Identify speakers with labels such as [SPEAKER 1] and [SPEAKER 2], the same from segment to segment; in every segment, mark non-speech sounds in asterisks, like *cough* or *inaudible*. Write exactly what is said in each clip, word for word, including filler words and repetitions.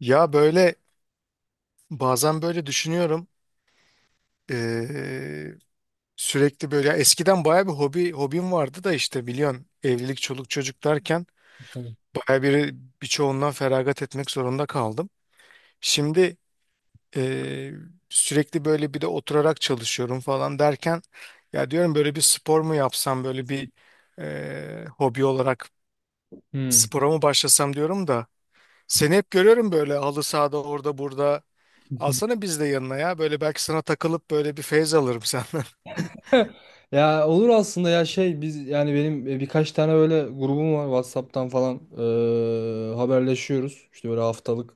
[SPEAKER 1] Ya böyle bazen böyle düşünüyorum. Ee, Sürekli böyle ya eskiden baya bir hobi hobim vardı da işte biliyorsun evlilik çoluk çocuk derken
[SPEAKER 2] Tamam.
[SPEAKER 1] baya bir birçoğundan feragat etmek zorunda kaldım. Şimdi ee, sürekli böyle bir de oturarak çalışıyorum falan derken ya diyorum böyle bir spor mu yapsam böyle bir ee, hobi olarak
[SPEAKER 2] Hmm.
[SPEAKER 1] spora mı başlasam diyorum da seni hep görüyorum böyle halı sahada orada burada.
[SPEAKER 2] *laughs*
[SPEAKER 1] Alsana biz de yanına ya. Böyle belki sana takılıp böyle bir feyz alırım senden. *laughs*
[SPEAKER 2] Ya olur aslında ya şey biz yani benim e, birkaç tane böyle grubum var WhatsApp'tan falan e, haberleşiyoruz. İşte böyle haftalık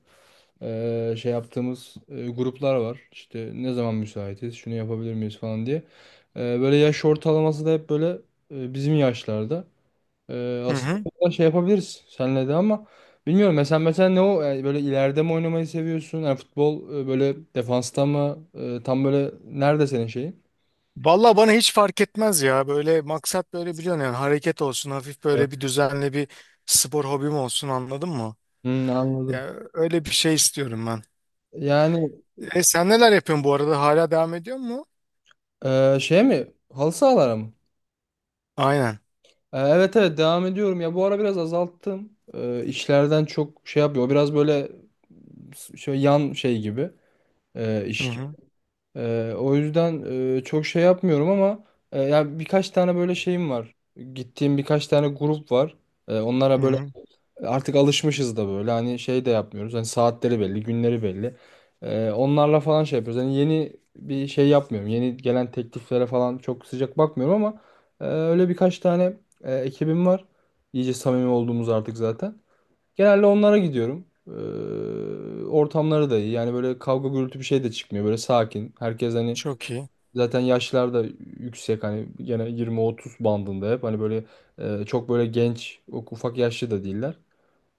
[SPEAKER 2] e, şey yaptığımız e, gruplar var. İşte ne zaman müsaitiz, şunu yapabilir miyiz falan diye. E, böyle yaş ortalaması da hep böyle e, bizim yaşlarda. E,
[SPEAKER 1] Hı
[SPEAKER 2] aslında
[SPEAKER 1] hı.
[SPEAKER 2] burada şey yapabiliriz seninle de ama bilmiyorum mesela mesela ne o yani böyle ileride mi oynamayı seviyorsun? Yani futbol e, böyle defansta mı? E, tam böyle nerede senin şeyin?
[SPEAKER 1] Vallahi bana hiç fark etmez ya. Böyle maksat böyle biliyorsun yani hareket olsun. Hafif böyle bir düzenli bir spor hobim olsun anladın mı?
[SPEAKER 2] Hmm, anladım.
[SPEAKER 1] Ya öyle bir şey istiyorum ben.
[SPEAKER 2] Yani
[SPEAKER 1] E sen neler yapıyorsun bu arada? Hala devam ediyor mu?
[SPEAKER 2] e, şey mi? Halı sahalara mı?
[SPEAKER 1] Aynen.
[SPEAKER 2] E, evet evet devam ediyorum. Ya bu ara biraz azalttım. E, işlerden çok şey yapıyor. O biraz böyle s- şöyle yan şey gibi e,
[SPEAKER 1] Hı
[SPEAKER 2] iş gibi.
[SPEAKER 1] hı.
[SPEAKER 2] E, o yüzden e, çok şey yapmıyorum ama e, ya birkaç tane böyle şeyim var. Gittiğim birkaç tane grup var. E, onlara
[SPEAKER 1] Hı
[SPEAKER 2] böyle
[SPEAKER 1] hı.
[SPEAKER 2] artık alışmışız da böyle hani şey de yapmıyoruz. Hani saatleri belli, günleri belli. Ee, onlarla falan şey yapıyoruz. Hani yeni bir şey yapmıyorum. Yeni gelen tekliflere falan çok sıcak bakmıyorum ama e, öyle birkaç tane e, ekibim var. İyice samimi olduğumuz artık zaten. Genelde onlara gidiyorum. Ee, ortamları da iyi. Yani böyle kavga gürültü bir şey de çıkmıyor. Böyle sakin. Herkes hani
[SPEAKER 1] Çok iyi.
[SPEAKER 2] zaten yaşlar da yüksek. Hani gene yirmi otuz bandında hep. Hani böyle e, çok böyle genç, ufak yaşlı da değiller.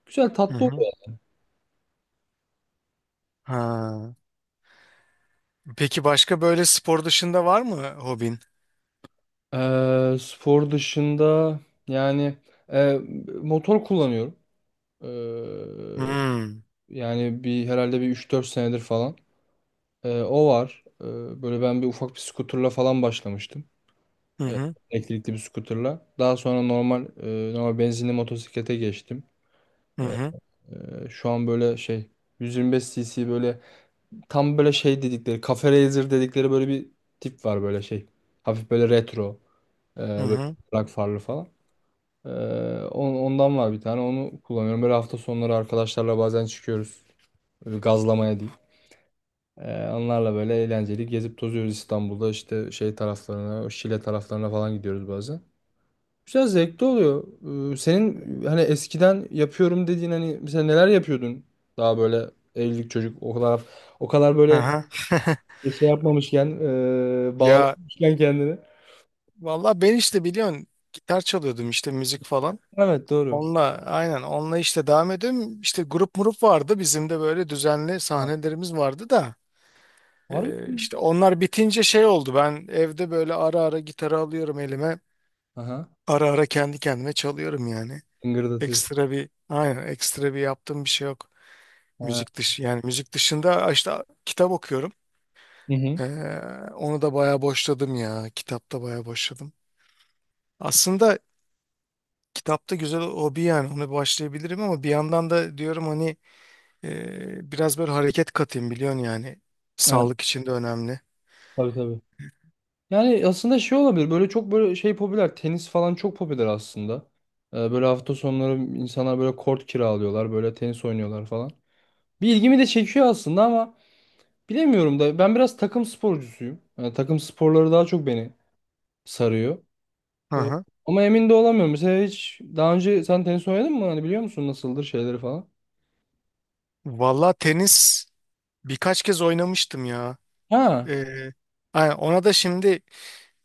[SPEAKER 2] Güzel
[SPEAKER 1] Hı
[SPEAKER 2] tatlı
[SPEAKER 1] hı.
[SPEAKER 2] oluyor.
[SPEAKER 1] Ha. Peki başka böyle spor dışında var mı hobin?
[SPEAKER 2] Eee, spor dışında yani eee, motor kullanıyorum. Eee,
[SPEAKER 1] Hmm.
[SPEAKER 2] yani bir herhalde bir üç dört senedir falan. Eee, o var. Eee, böyle ben bir ufak bir skuterla falan başlamıştım.
[SPEAKER 1] Hı
[SPEAKER 2] Eee,
[SPEAKER 1] hı.
[SPEAKER 2] elektrikli bir skuterla. Daha sonra normal eee, normal benzinli motosiklete geçtim.
[SPEAKER 1] Hı
[SPEAKER 2] Eee,
[SPEAKER 1] hı.
[SPEAKER 2] eee, şu an böyle şey yüz yirmi beş cc böyle tam böyle şey dedikleri Cafe Racer dedikleri böyle bir tip var böyle şey. Hafif böyle retro. eee
[SPEAKER 1] Hı hı.
[SPEAKER 2] böyle farlı falan. Ee, on- ondan var bir tane. Onu kullanıyorum. Böyle hafta sonları arkadaşlarla bazen çıkıyoruz. Böyle gazlamaya değil. Ee, onlarla böyle eğlenceli gezip tozuyoruz İstanbul'da. İşte şey taraflarına, o Şile taraflarına falan gidiyoruz bazen. Güzel zevkli oluyor. Ee, senin hani eskiden yapıyorum dediğin hani mesela neler yapıyordun? Daha böyle evlilik çocuk o kadar o kadar böyle
[SPEAKER 1] Aha. *laughs*
[SPEAKER 2] şey yapmamışken e,
[SPEAKER 1] Ya
[SPEAKER 2] bağlamışken kendini.
[SPEAKER 1] valla ben işte biliyorsun gitar çalıyordum işte müzik falan.
[SPEAKER 2] Evet doğru.
[SPEAKER 1] Onunla aynen onunla işte devam ediyorum. İşte grup murup vardı bizim de böyle düzenli
[SPEAKER 2] Ha,
[SPEAKER 1] sahnelerimiz vardı da.
[SPEAKER 2] var
[SPEAKER 1] Ee,
[SPEAKER 2] mı?
[SPEAKER 1] işte onlar bitince şey oldu, ben evde böyle ara ara gitarı alıyorum elime.
[SPEAKER 2] Aha.
[SPEAKER 1] Ara ara kendi kendime çalıyorum yani.
[SPEAKER 2] Hıngırdatıyor.
[SPEAKER 1] Ekstra bir aynen ekstra bir yaptığım bir şey yok.
[SPEAKER 2] Ha.
[SPEAKER 1] Müzik dışı yani müzik dışında işte kitap okuyorum.
[SPEAKER 2] Hı hı.
[SPEAKER 1] Ee, Onu da bayağı boşladım ya. Kitapta bayağı boşladım. Aslında kitapta güzel hobi yani ona başlayabilirim ama bir yandan da diyorum hani e, biraz böyle hareket katayım biliyorsun yani.
[SPEAKER 2] Evet.
[SPEAKER 1] Sağlık için de önemli.
[SPEAKER 2] Tabii tabii. Yani aslında şey olabilir. Böyle çok böyle şey popüler. Tenis falan çok popüler aslında. Ee, böyle hafta sonları insanlar böyle kort kiralıyorlar. Böyle tenis oynuyorlar falan. Bir ilgimi de çekiyor aslında ama bilemiyorum da ben biraz takım sporcusuyum. Yani takım sporları daha çok beni sarıyor.
[SPEAKER 1] Hı
[SPEAKER 2] Ee,
[SPEAKER 1] hı.
[SPEAKER 2] ama emin de olamıyorum. Mesela hiç daha önce sen tenis oynadın mı? Hani biliyor musun nasıldır şeyleri falan?
[SPEAKER 1] Valla tenis birkaç kez oynamıştım ya.
[SPEAKER 2] Ha.
[SPEAKER 1] Ee, aynen, ona da şimdi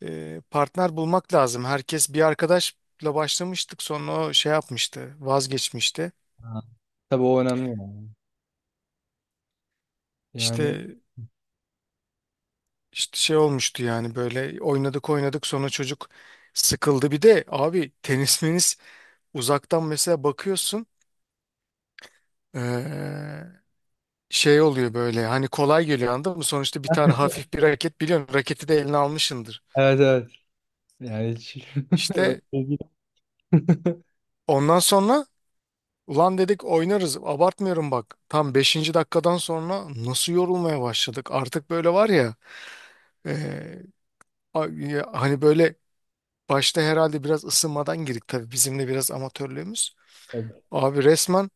[SPEAKER 1] e, partner bulmak lazım. Herkes bir arkadaşla başlamıştık sonra o şey yapmıştı vazgeçmişti.
[SPEAKER 2] Ha. Tabii o önemli. Yani, yani
[SPEAKER 1] İşte, işte şey olmuştu yani böyle oynadık oynadık sonra çocuk sıkıldı. Bir de abi tenis *laughs* menis uzaktan mesela bakıyorsun ee, şey oluyor böyle hani kolay geliyor anladın mı? Sonuçta bir tane hafif bir raket biliyorsun raketi de eline almışsındır.
[SPEAKER 2] evet evet. Yani hiç.
[SPEAKER 1] İşte
[SPEAKER 2] *laughs*
[SPEAKER 1] ondan sonra ulan dedik oynarız. Abartmıyorum bak. Tam beşinci dakikadan sonra nasıl yorulmaya başladık. Artık böyle var ya. e, a- ya hani böyle başta herhalde biraz ısınmadan girdik tabii. Bizim de biraz amatörlüğümüz.
[SPEAKER 2] Tabii.
[SPEAKER 1] Abi resmen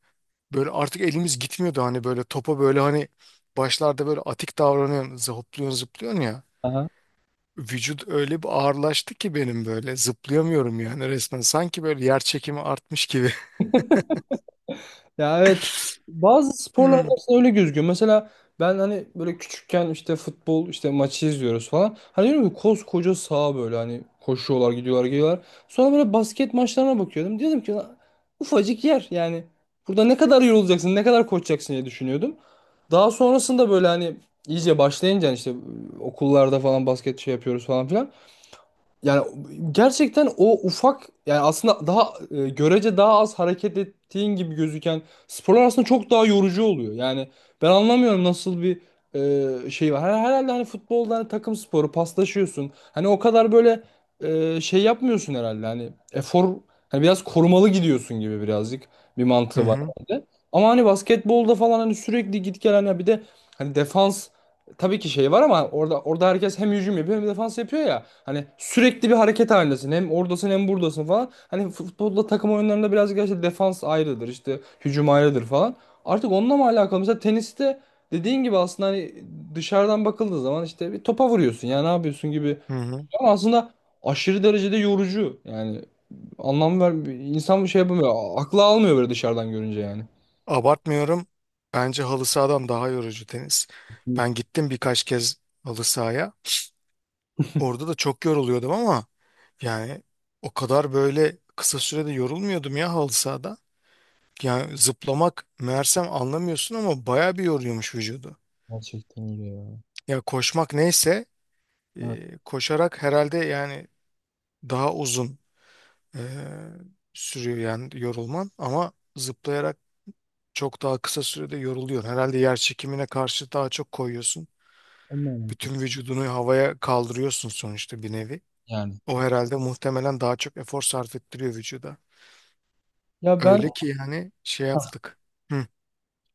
[SPEAKER 1] böyle artık elimiz gitmiyordu. Hani böyle topa böyle hani başlarda böyle atik davranıyorsun. Zıplıyorsun zıplıyorsun ya.
[SPEAKER 2] Aha.
[SPEAKER 1] Vücut öyle bir ağırlaştı ki benim böyle. Zıplayamıyorum yani resmen. Sanki böyle yer çekimi artmış gibi. *laughs*
[SPEAKER 2] Ya evet bazı sporlarda
[SPEAKER 1] Hmm.
[SPEAKER 2] aslında öyle gözüküyor. Mesela ben hani böyle küçükken işte futbol işte maçı izliyoruz falan. Hani diyorum ki koskoca saha böyle hani koşuyorlar gidiyorlar geliyorlar. Sonra böyle basket maçlarına bakıyordum. Diyordum ki "Lan ufacık yer yani burada ne kadar yorulacaksın ne kadar koşacaksın" diye düşünüyordum. Daha sonrasında böyle hani iyice başlayınca hani işte okullarda falan basket şey yapıyoruz falan filan. Yani gerçekten o ufak yani aslında daha e, görece daha az hareket ettiğin gibi gözüken sporlar aslında çok daha yorucu oluyor. Yani ben anlamıyorum nasıl bir e, şey var. Her- Herhalde hani futbolda hani takım sporu paslaşıyorsun. Hani o kadar böyle e, şey yapmıyorsun herhalde. Hani efor hani biraz korumalı gidiyorsun gibi birazcık bir
[SPEAKER 1] Hı
[SPEAKER 2] mantığı var
[SPEAKER 1] hı.
[SPEAKER 2] bende. Ama hani basketbolda falan hani sürekli git gel hani bir de hani defans tabii ki şey var ama orada orada herkes hem hücum yapıyor hem defans yapıyor ya. Hani sürekli bir hareket halindesin. Hem oradasın hem buradasın falan. Hani futbolda takım oyunlarında birazcık işte defans ayrıdır işte hücum ayrıdır falan. Artık onunla mı alakalı? Mesela teniste dediğin gibi aslında hani dışarıdan bakıldığı zaman işte bir topa vuruyorsun ya ne yapıyorsun gibi.
[SPEAKER 1] Hı hı.
[SPEAKER 2] Ama aslında aşırı derecede yorucu. Yani anlam ver insan bir şey yapamıyor. Aklı almıyor böyle dışarıdan görünce yani.
[SPEAKER 1] Abartmıyorum. Bence halı sahadan daha yorucu tenis. Ben gittim birkaç kez halı sahaya. Orada da çok yoruluyordum ama yani o kadar böyle kısa sürede yorulmuyordum ya halı sahada. Yani zıplamak meğersem anlamıyorsun ama baya bir yoruyormuş vücudu.
[SPEAKER 2] Gerçekten öyle ya.
[SPEAKER 1] Ya koşmak neyse
[SPEAKER 2] Evet,
[SPEAKER 1] e, koşarak herhalde yani daha uzun e, sürüyor yani yorulman, ama zıplayarak çok daha kısa sürede yoruluyor. Herhalde yer çekimine karşı daha çok koyuyorsun.
[SPEAKER 2] onunla alakalı.
[SPEAKER 1] Bütün vücudunu havaya kaldırıyorsun sonuçta bir nevi.
[SPEAKER 2] Yani.
[SPEAKER 1] O herhalde muhtemelen daha çok efor sarf ettiriyor vücuda.
[SPEAKER 2] Ya ben.
[SPEAKER 1] Öyle ki yani şey yaptık. Hı.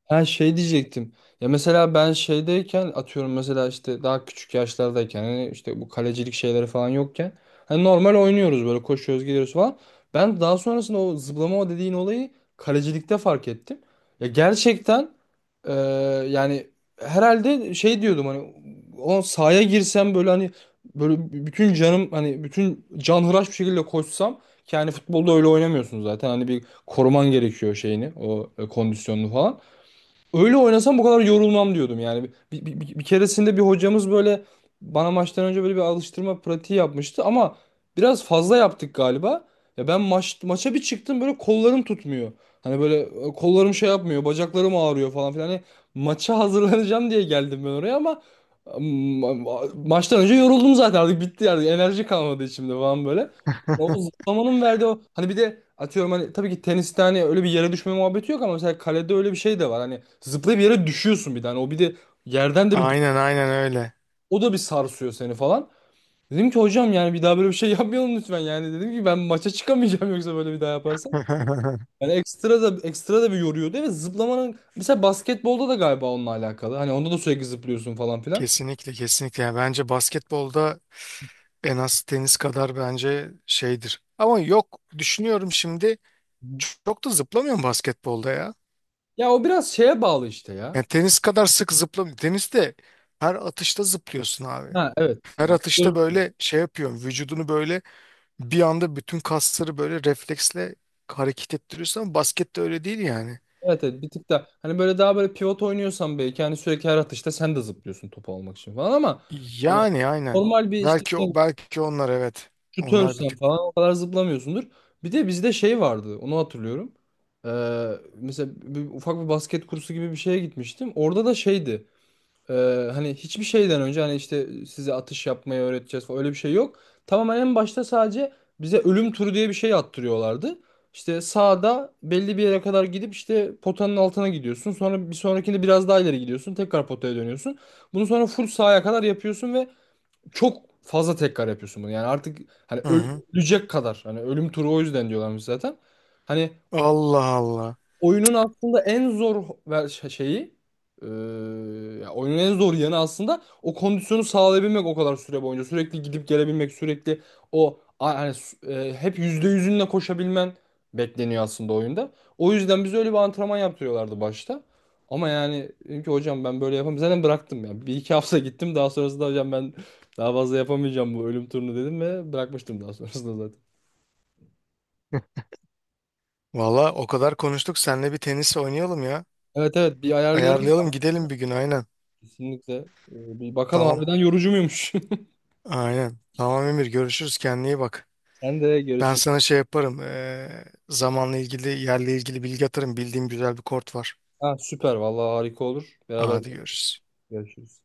[SPEAKER 2] Ha, şey diyecektim. Ya mesela ben şeydeyken atıyorum mesela işte daha küçük yaşlardayken hani işte bu kalecilik şeyleri falan yokken hani normal oynuyoruz böyle koşuyoruz gidiyoruz falan. Ben daha sonrasında o zıplama o dediğin olayı kalecilikte fark ettim. Ya gerçekten e, yani herhalde şey diyordum hani o sahaya girsem böyle hani böyle bütün canım hani bütün canhıraş bir şekilde koşsam ki hani futbolda öyle oynamıyorsun zaten hani bir koruman gerekiyor şeyini o e, kondisyonunu falan. Öyle oynasam bu kadar yorulmam diyordum yani. Bir, bir, bir, bir keresinde bir hocamız böyle bana maçtan önce böyle bir alıştırma pratiği yapmıştı ama biraz fazla yaptık galiba. Ya ben maç maça bir çıktım böyle kollarım tutmuyor. Hani böyle e, kollarım şey yapmıyor, bacaklarım ağrıyor falan filan. Hani maça *laughs* hazırlanacağım diye geldim ben oraya ama ma- ma- maçtan önce yoruldum zaten artık bitti yani enerji kalmadı içimde falan böyle. Ya O
[SPEAKER 1] *laughs*
[SPEAKER 2] zıplamanın verdiği o hani bir de atıyorum hani tabii ki teniste hani öyle bir yere düşme muhabbeti yok ama mesela kalede öyle bir şey de var. Hani zıplayıp yere düşüyorsun bir tane. O bir de yerden de bir
[SPEAKER 1] Aynen aynen öyle.
[SPEAKER 2] o da bir sarsıyor seni falan. Dedim ki hocam yani bir daha böyle bir şey *laughs* yapmayalım lütfen. Yani dedim ki ben maça çıkamayacağım *laughs* yoksa böyle bir daha yaparsam.
[SPEAKER 1] *laughs*
[SPEAKER 2] Yani ekstra da ekstra da bir yoruyordu ve zıplamanın mesela basketbolda da galiba onunla alakalı. Hani onda da sürekli zıplıyorsun falan filan.
[SPEAKER 1] Kesinlikle kesinlikle. Yani bence basketbolda en az tenis kadar bence şeydir. Ama yok, düşünüyorum şimdi çok da zıplamıyorum basketbolda ya.
[SPEAKER 2] Ya o biraz şeye bağlı işte ya.
[SPEAKER 1] Yani tenis kadar sık zıplamıyorum. Teniste her atışta zıplıyorsun abi.
[SPEAKER 2] Ha evet.
[SPEAKER 1] Her
[SPEAKER 2] Yani
[SPEAKER 1] atışta böyle şey yapıyorsun. Vücudunu böyle bir anda bütün kasları böyle refleksle hareket ettiriyorsun ama baskette öyle değil yani.
[SPEAKER 2] Evet, evet bir tık da hani böyle daha böyle pivot oynuyorsan belki hani sürekli her atışta sen de zıplıyorsun topu almak için falan ama hani
[SPEAKER 1] Yani aynen.
[SPEAKER 2] normal bir işte
[SPEAKER 1] Belki o belki onlar evet. Onlar bir
[SPEAKER 2] şutörsen
[SPEAKER 1] tık
[SPEAKER 2] falan
[SPEAKER 1] da.
[SPEAKER 2] o kadar zıplamıyorsundur. Bir de bizde şey vardı onu hatırlıyorum. Ee, mesela bir, ufak bir basket kursu gibi bir şeye gitmiştim. Orada da şeydi. Ee, hani hiçbir şeyden önce hani işte size atış yapmayı öğreteceğiz falan öyle bir şey yok. Tamamen en başta sadece bize ölüm turu diye bir şey attırıyorlardı. İşte sağda belli bir yere kadar gidip işte potanın altına gidiyorsun. Sonra bir sonrakinde biraz daha ileri gidiyorsun. Tekrar potaya dönüyorsun. Bunu sonra full sağa kadar yapıyorsun ve çok fazla tekrar yapıyorsun bunu. Yani artık hani
[SPEAKER 1] Hı
[SPEAKER 2] öl-
[SPEAKER 1] hı.
[SPEAKER 2] ölecek kadar. Hani ölüm turu o yüzden diyorlarmış zaten. Hani
[SPEAKER 1] Allah Allah.
[SPEAKER 2] oyunun aslında en zor ver- şey, şeyi e, ya oyunun en zor yanı aslında o kondisyonu sağlayabilmek o kadar süre boyunca sürekli gidip gelebilmek sürekli o a- hani s- e, hep yüzde yüzünle koşabilmen bekleniyor aslında oyunda. O yüzden biz öyle bir antrenman yaptırıyorlardı başta. Ama yani dedim ki hocam ben böyle yapamam. Zaten bıraktım ya. Bir iki hafta gittim daha sonrasında hocam ben daha fazla yapamayacağım bu ölüm turunu dedim ve bırakmıştım daha sonrasında zaten.
[SPEAKER 1] Hı. Valla o kadar konuştuk. Seninle bir tenis oynayalım ya.
[SPEAKER 2] Evet evet bir ayarlayalım
[SPEAKER 1] Ayarlayalım gidelim bir gün aynen.
[SPEAKER 2] kesinlikle. Ee, Bir bakalım
[SPEAKER 1] Tamam.
[SPEAKER 2] harbiden yorucu muymuş? *laughs*
[SPEAKER 1] Aynen. Tamam Emir, görüşürüz, kendine iyi bak.
[SPEAKER 2] Sen de
[SPEAKER 1] Ben
[SPEAKER 2] görüşürüz.
[SPEAKER 1] sana şey yaparım. Eee, zamanla ilgili yerle ilgili bilgi atarım. Bildiğim güzel bir kort var.
[SPEAKER 2] Ha, süper. Vallahi harika olur. Beraber
[SPEAKER 1] Hadi görüşürüz.
[SPEAKER 2] görüşürüz.